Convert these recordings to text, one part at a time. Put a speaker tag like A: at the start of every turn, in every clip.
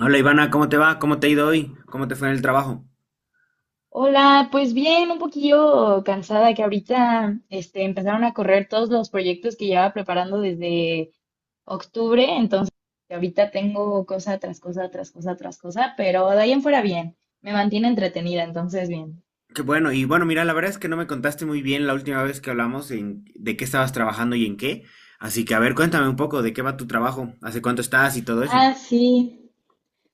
A: Hola Ivana, ¿cómo te va? ¿Cómo te ha ido hoy? ¿Cómo te fue en el trabajo?
B: Hola, pues bien, un poquillo cansada que ahorita empezaron a correr todos los proyectos que llevaba preparando desde octubre. Entonces ahorita tengo cosa tras cosa, tras cosa, tras cosa, pero de ahí en fuera bien, me mantiene entretenida, entonces bien.
A: Qué bueno, y bueno, mira, la verdad es que no me contaste muy bien la última vez que hablamos en de qué estabas trabajando y en qué. Así que, a ver, cuéntame un poco de qué va tu trabajo, hace cuánto estás y todo eso.
B: Ah, sí.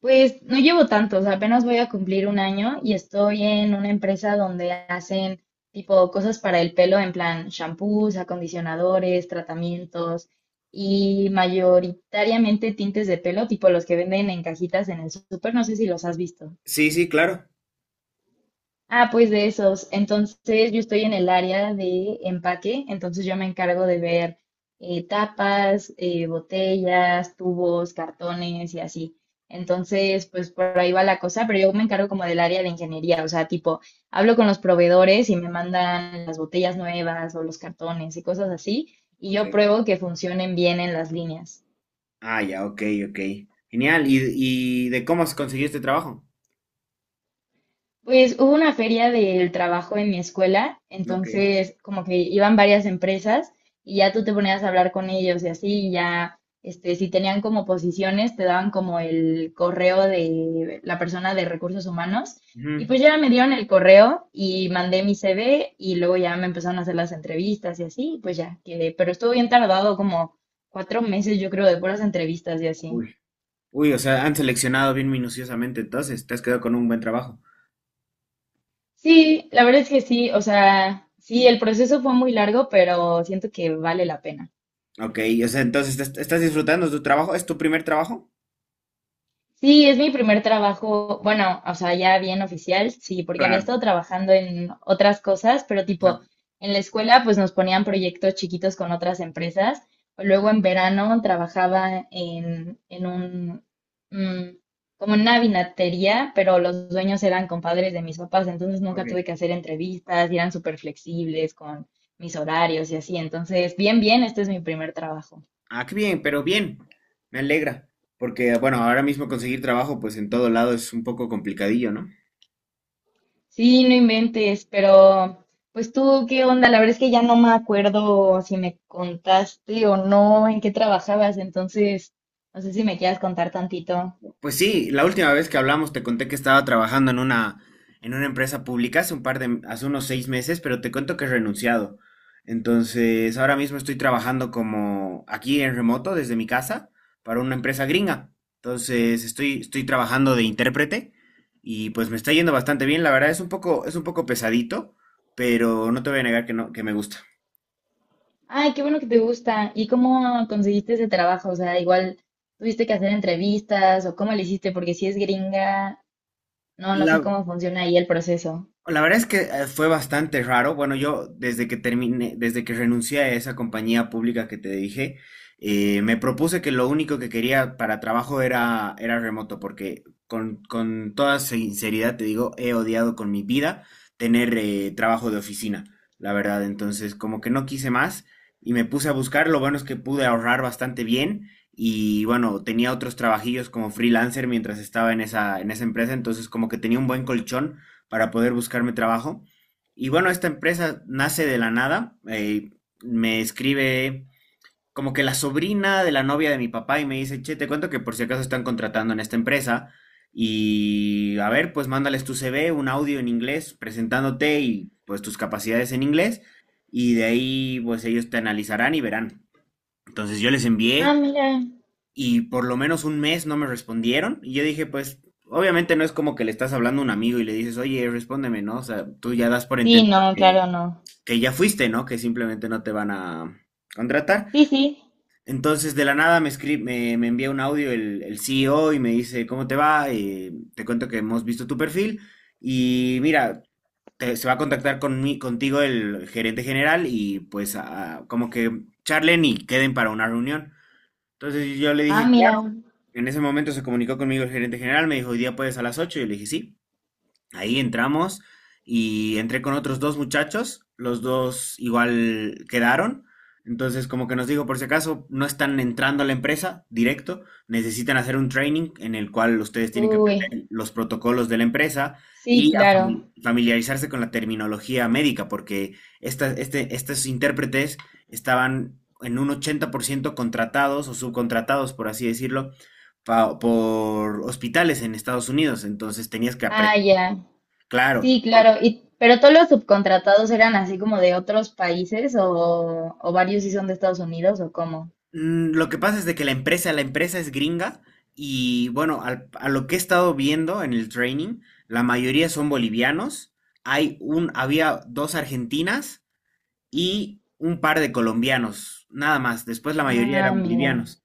B: Pues no llevo tantos, apenas voy a cumplir un año y estoy en una empresa donde hacen tipo cosas para el pelo, en plan shampoos, acondicionadores, tratamientos y mayoritariamente tintes de pelo, tipo los que venden en cajitas en el súper, no sé si los has visto.
A: Sí, sí, claro.
B: Ah, pues de esos. Entonces yo estoy en el área de empaque, entonces yo me encargo de ver tapas, botellas, tubos, cartones y así. Entonces, pues por ahí va la cosa, pero yo me encargo como del área de ingeniería, o sea, tipo, hablo con los proveedores y me mandan las botellas nuevas o los cartones y cosas así, y
A: Ok.
B: yo pruebo que funcionen bien en las líneas.
A: Ah, ya, ok, ok. Genial. ¿Y de cómo has conseguido este trabajo?
B: Pues hubo una feria del trabajo en mi escuela,
A: Ok.
B: entonces como que iban varias empresas y ya tú te ponías a hablar con ellos y así y ya, este, si tenían como posiciones, te daban como el correo de la persona de recursos humanos. Y
A: Ujú.
B: pues ya me dieron el correo y mandé mi CV y luego ya me empezaron a hacer las entrevistas y así, y pues ya quedé. Pero estuvo bien tardado, como cuatro meses yo creo de puras entrevistas y así.
A: Uy. Uy, o sea, han seleccionado bien minuciosamente, entonces, te has quedado con un buen trabajo.
B: Sí, la verdad es que sí, o sea, sí, el proceso fue muy largo, pero siento que vale la pena.
A: Ok, o sea, entonces, ¿estás disfrutando de tu trabajo? ¿Es tu primer trabajo?
B: Sí, es mi primer trabajo, bueno, o sea, ya bien oficial, sí, porque había
A: Claro.
B: estado trabajando en otras cosas, pero
A: Ajá.
B: tipo, en la escuela pues nos ponían proyectos chiquitos con otras empresas. Luego en verano trabajaba mm, como en una vinatería, pero los dueños eran compadres de mis papás, entonces nunca tuve que
A: Ok.
B: hacer entrevistas y eran súper flexibles con mis horarios y así. Entonces, bien, bien, este es mi primer trabajo.
A: Ah, qué bien, pero bien. Me alegra. Porque, bueno, ahora mismo conseguir trabajo, pues en todo lado es un poco complicadillo, ¿no?
B: Sí, no inventes, pero pues tú, ¿qué onda? La verdad es que ya no me acuerdo si me contaste o no en qué trabajabas, entonces no sé si me quieras contar tantito.
A: Pues sí, la última vez que hablamos te conté que estaba trabajando en una empresa pública hace unos 6 meses, pero te cuento que he renunciado. Entonces, ahora mismo estoy trabajando como aquí en remoto, desde mi casa, para una empresa gringa. Entonces, estoy trabajando de intérprete y pues me está yendo bastante bien. La verdad es un poco pesadito, pero no te voy a negar que no, que me gusta.
B: Ay, qué bueno que te gusta. ¿Y cómo conseguiste ese trabajo? O sea, igual tuviste que hacer entrevistas o cómo le hiciste, porque si es gringa, no sé
A: La,
B: cómo funciona ahí el proceso.
A: la verdad es que fue bastante raro. Bueno, yo desde que renuncié a esa compañía pública que te dije, me propuse que lo único que quería para trabajo era remoto, porque con toda sinceridad te digo, he odiado con mi vida tener trabajo de oficina, la verdad. Entonces, como que no quise más y me puse a buscar. Lo bueno es que pude ahorrar bastante bien. Y bueno, tenía otros trabajillos como freelancer mientras estaba en esa empresa, entonces como que tenía un buen colchón para poder buscarme trabajo. Y bueno, esta empresa nace de la nada. Me escribe como que la sobrina de la novia de mi papá y me dice, che, te cuento que por si acaso están contratando en esta empresa. Y a ver, pues mándales tu CV, un audio en inglés, presentándote y pues tus capacidades en inglés. Y de ahí, pues ellos te analizarán y verán. Entonces yo les
B: Ah,
A: envié
B: mira.
A: y por lo menos un mes no me respondieron. Y yo dije, pues, obviamente no es como que le estás hablando a un amigo y le dices, oye, respóndeme, ¿no? O sea, tú ya das por
B: Sí,
A: entendido
B: no, claro, no.
A: que ya fuiste, ¿no? Que simplemente no te van a contratar.
B: Sí, sí.
A: Entonces, de la nada me envía un audio el CEO y me dice, ¿cómo te va? Te cuento que hemos visto tu perfil y mira, se va a contactar contigo el gerente general y pues como que charlen y queden para una reunión. Entonces yo le
B: Ah,
A: dije,
B: mira.
A: en ese momento se comunicó conmigo el gerente general, me dijo, ¿hoy día puedes a las 8? Yo le dije, sí. Ahí entramos y entré con otros dos muchachos, los dos igual quedaron. Entonces, como que nos digo, por si acaso no están entrando a la empresa directo, necesitan hacer un training en el cual ustedes tienen que
B: Uy,
A: aprender los protocolos de la empresa
B: sí,
A: y a
B: claro.
A: familiarizarse con la terminología médica, porque estos intérpretes estaban en un 80% contratados o subcontratados, por así decirlo, por hospitales en Estados Unidos. Entonces, tenías que
B: Ah,
A: aprender.
B: ya.
A: Claro,
B: Sí,
A: porque,
B: claro. Y, pero todos los subcontratados eran así como de otros países o varios sí son de Estados Unidos o cómo.
A: lo que pasa es de que la empresa es gringa y bueno, a lo que he estado viendo en el training, la mayoría son bolivianos. Había dos argentinas y un par de colombianos, nada más. Después la mayoría
B: Ah,
A: eran
B: mira.
A: bolivianos.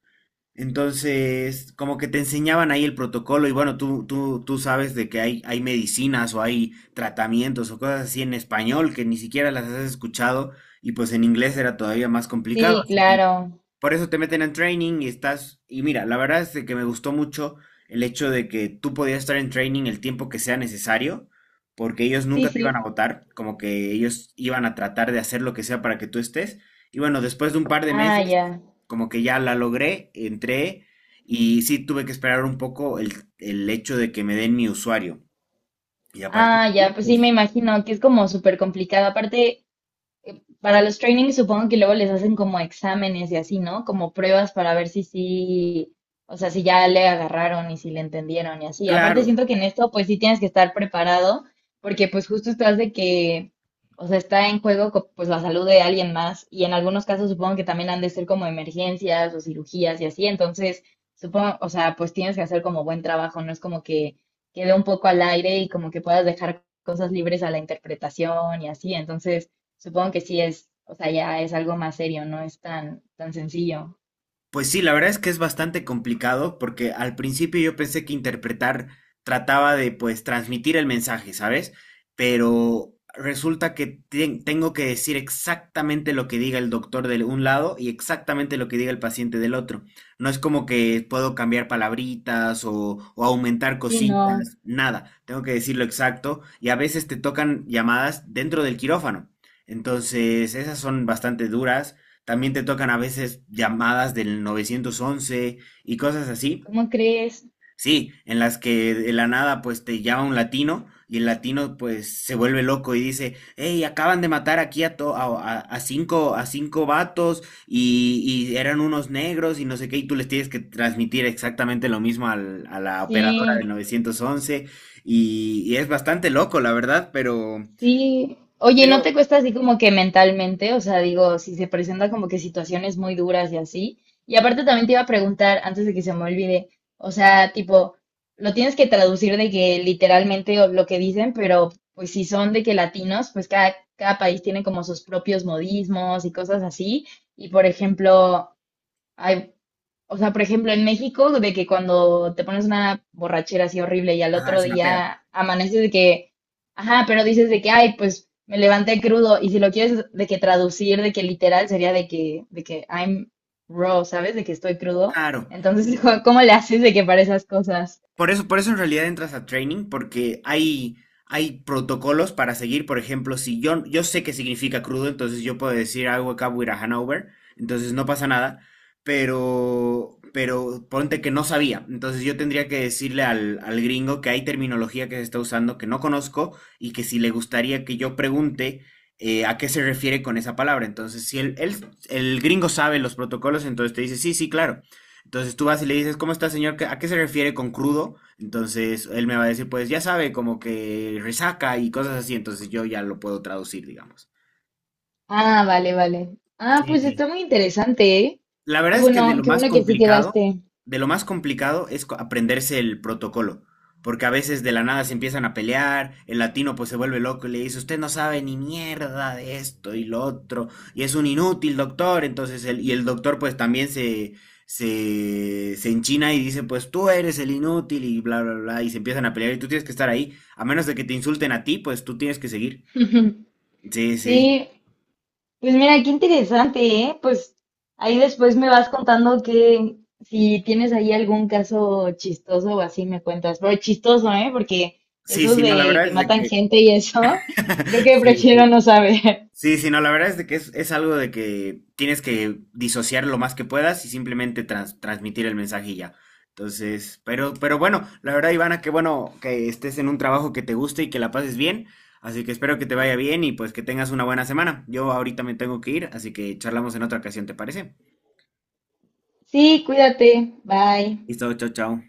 A: Entonces, como que te enseñaban ahí el protocolo y bueno, tú sabes de que hay medicinas o hay tratamientos o cosas así en español que ni siquiera las has escuchado y pues en inglés era todavía más complicado.
B: Sí, claro.
A: Por eso te meten en training y estás... Y mira, la verdad es de que me gustó mucho el hecho de que tú podías estar en training el tiempo que sea necesario, porque ellos
B: Sí,
A: nunca te iban a
B: sí.
A: votar, como que ellos iban a tratar de hacer lo que sea para que tú estés. Y bueno, después de un par de
B: Ah,
A: meses,
B: ya.
A: como que ya la logré, entré y sí tuve que esperar un poco el hecho de que me den mi usuario. Y a partir
B: Ah,
A: de
B: ya.
A: ahí,
B: Pues sí, me
A: pues,
B: imagino que es como súper complicado. Aparte, para los trainings supongo que luego les hacen como exámenes y así, ¿no? Como pruebas para ver si sí, o sea, si ya le agarraron y si le entendieron y así. Aparte
A: claro.
B: siento que en esto pues sí tienes que estar preparado porque pues justo estás de que, o sea, está en juego co- pues la salud de alguien más y en algunos casos supongo que también han de ser como emergencias o cirugías y así. Entonces, supongo, o sea, pues tienes que hacer como buen trabajo, no es como que quede un poco al aire y como que puedas dejar cosas libres a la interpretación y así. Entonces... Supongo que sí es, o sea, ya es algo más serio, no es tan sencillo.
A: Pues sí, la verdad es que es bastante complicado porque al principio yo pensé que interpretar trataba de pues transmitir el mensaje, ¿sabes? Pero resulta que tengo que decir exactamente lo que diga el doctor de un lado y exactamente lo que diga el paciente del otro. No es como que puedo cambiar palabritas o aumentar
B: Sí, no.
A: cositas, nada. Tengo que decir lo exacto y a veces te tocan llamadas dentro del quirófano. Entonces, esas son bastante duras. También te tocan a veces llamadas del 911 y cosas así.
B: ¿Cómo crees?
A: Sí, en las que de la nada pues te llama un latino y el latino pues se vuelve loco y dice, hey, acaban de matar aquí a cinco a cinco vatos y eran unos negros y no sé qué, y tú les tienes que transmitir exactamente lo mismo a la operadora del
B: Sí,
A: 911 y es bastante loco, la verdad, pero...
B: sí. Oye, ¿no
A: Pero...
B: te cuesta así como que mentalmente? O sea, digo, si se presenta como que situaciones muy duras y así. Y aparte también te iba a preguntar, antes de que se me olvide, o sea, tipo, lo tienes que traducir de que literalmente o lo que dicen, pero pues si son de que latinos, pues cada país tiene como sus propios modismos y cosas así. Y por ejemplo, hay, o sea, por ejemplo, en México, de que cuando te pones una borrachera así horrible y al
A: Ajá,
B: otro
A: es una peda.
B: día amaneces de que, ajá, pero dices de que, ay, pues me levanté crudo. Y si lo quieres de que traducir, de que literal sería de que I'm raw, ¿sabes? De que estoy crudo.
A: Claro.
B: Entonces, ¿cómo le haces de que para esas cosas?
A: Por eso en realidad entras a training, porque hay protocolos para seguir. Por ejemplo, si yo sé qué significa crudo, entonces yo puedo decir algo acá with a Hanover, entonces no pasa nada. Pero ponte que no sabía. Entonces yo tendría que decirle al gringo que hay terminología que se está usando que no conozco y que si le gustaría que yo pregunte a qué se refiere con esa palabra. Entonces, si el gringo sabe los protocolos, entonces te dice, sí, sí, claro. Entonces tú vas y le dices, ¿cómo está, señor? ¿A qué se refiere con crudo? Entonces él me va a decir, pues ya sabe, como que resaca y cosas así. Entonces yo ya lo puedo traducir, digamos.
B: Ah, vale, vale. Ah,
A: Sí,
B: pues
A: sí.
B: está muy interesante, ¿eh?
A: La verdad es que
B: Qué bueno que sí quedaste.
A: de lo más complicado es aprenderse el protocolo, porque a veces de la nada se empiezan a pelear, el latino pues se vuelve loco y le dice, usted no sabe ni mierda de esto y lo otro, y es un inútil doctor, y el doctor pues también se enchina y dice, pues tú eres el inútil y bla, bla, bla, y se empiezan a pelear y tú tienes que estar ahí, a menos de que te insulten a ti, pues tú tienes que seguir. Sí, sí.
B: Sí, pues mira, qué interesante, ¿eh? Pues ahí después me vas contando que si tienes ahí algún caso chistoso o así me cuentas. Pero chistoso, ¿eh? Porque
A: Sí,
B: esos
A: sí, no, la
B: de
A: verdad
B: que
A: es de
B: matan
A: que...
B: gente y eso, creo que
A: Sí, sí.
B: prefiero no saber.
A: Sí, sí, no, la verdad es de que es algo de que tienes que disociar lo más que puedas y simplemente transmitir el mensaje y ya. Entonces, pero bueno, la verdad, Ivana, qué bueno que estés en un trabajo que te guste y que la pases bien. Así que espero que te vaya bien y pues que tengas una buena semana. Yo ahorita me tengo que ir, así que charlamos en otra ocasión, ¿te parece?
B: Sí, cuídate. Bye.
A: Listo, chao, chao.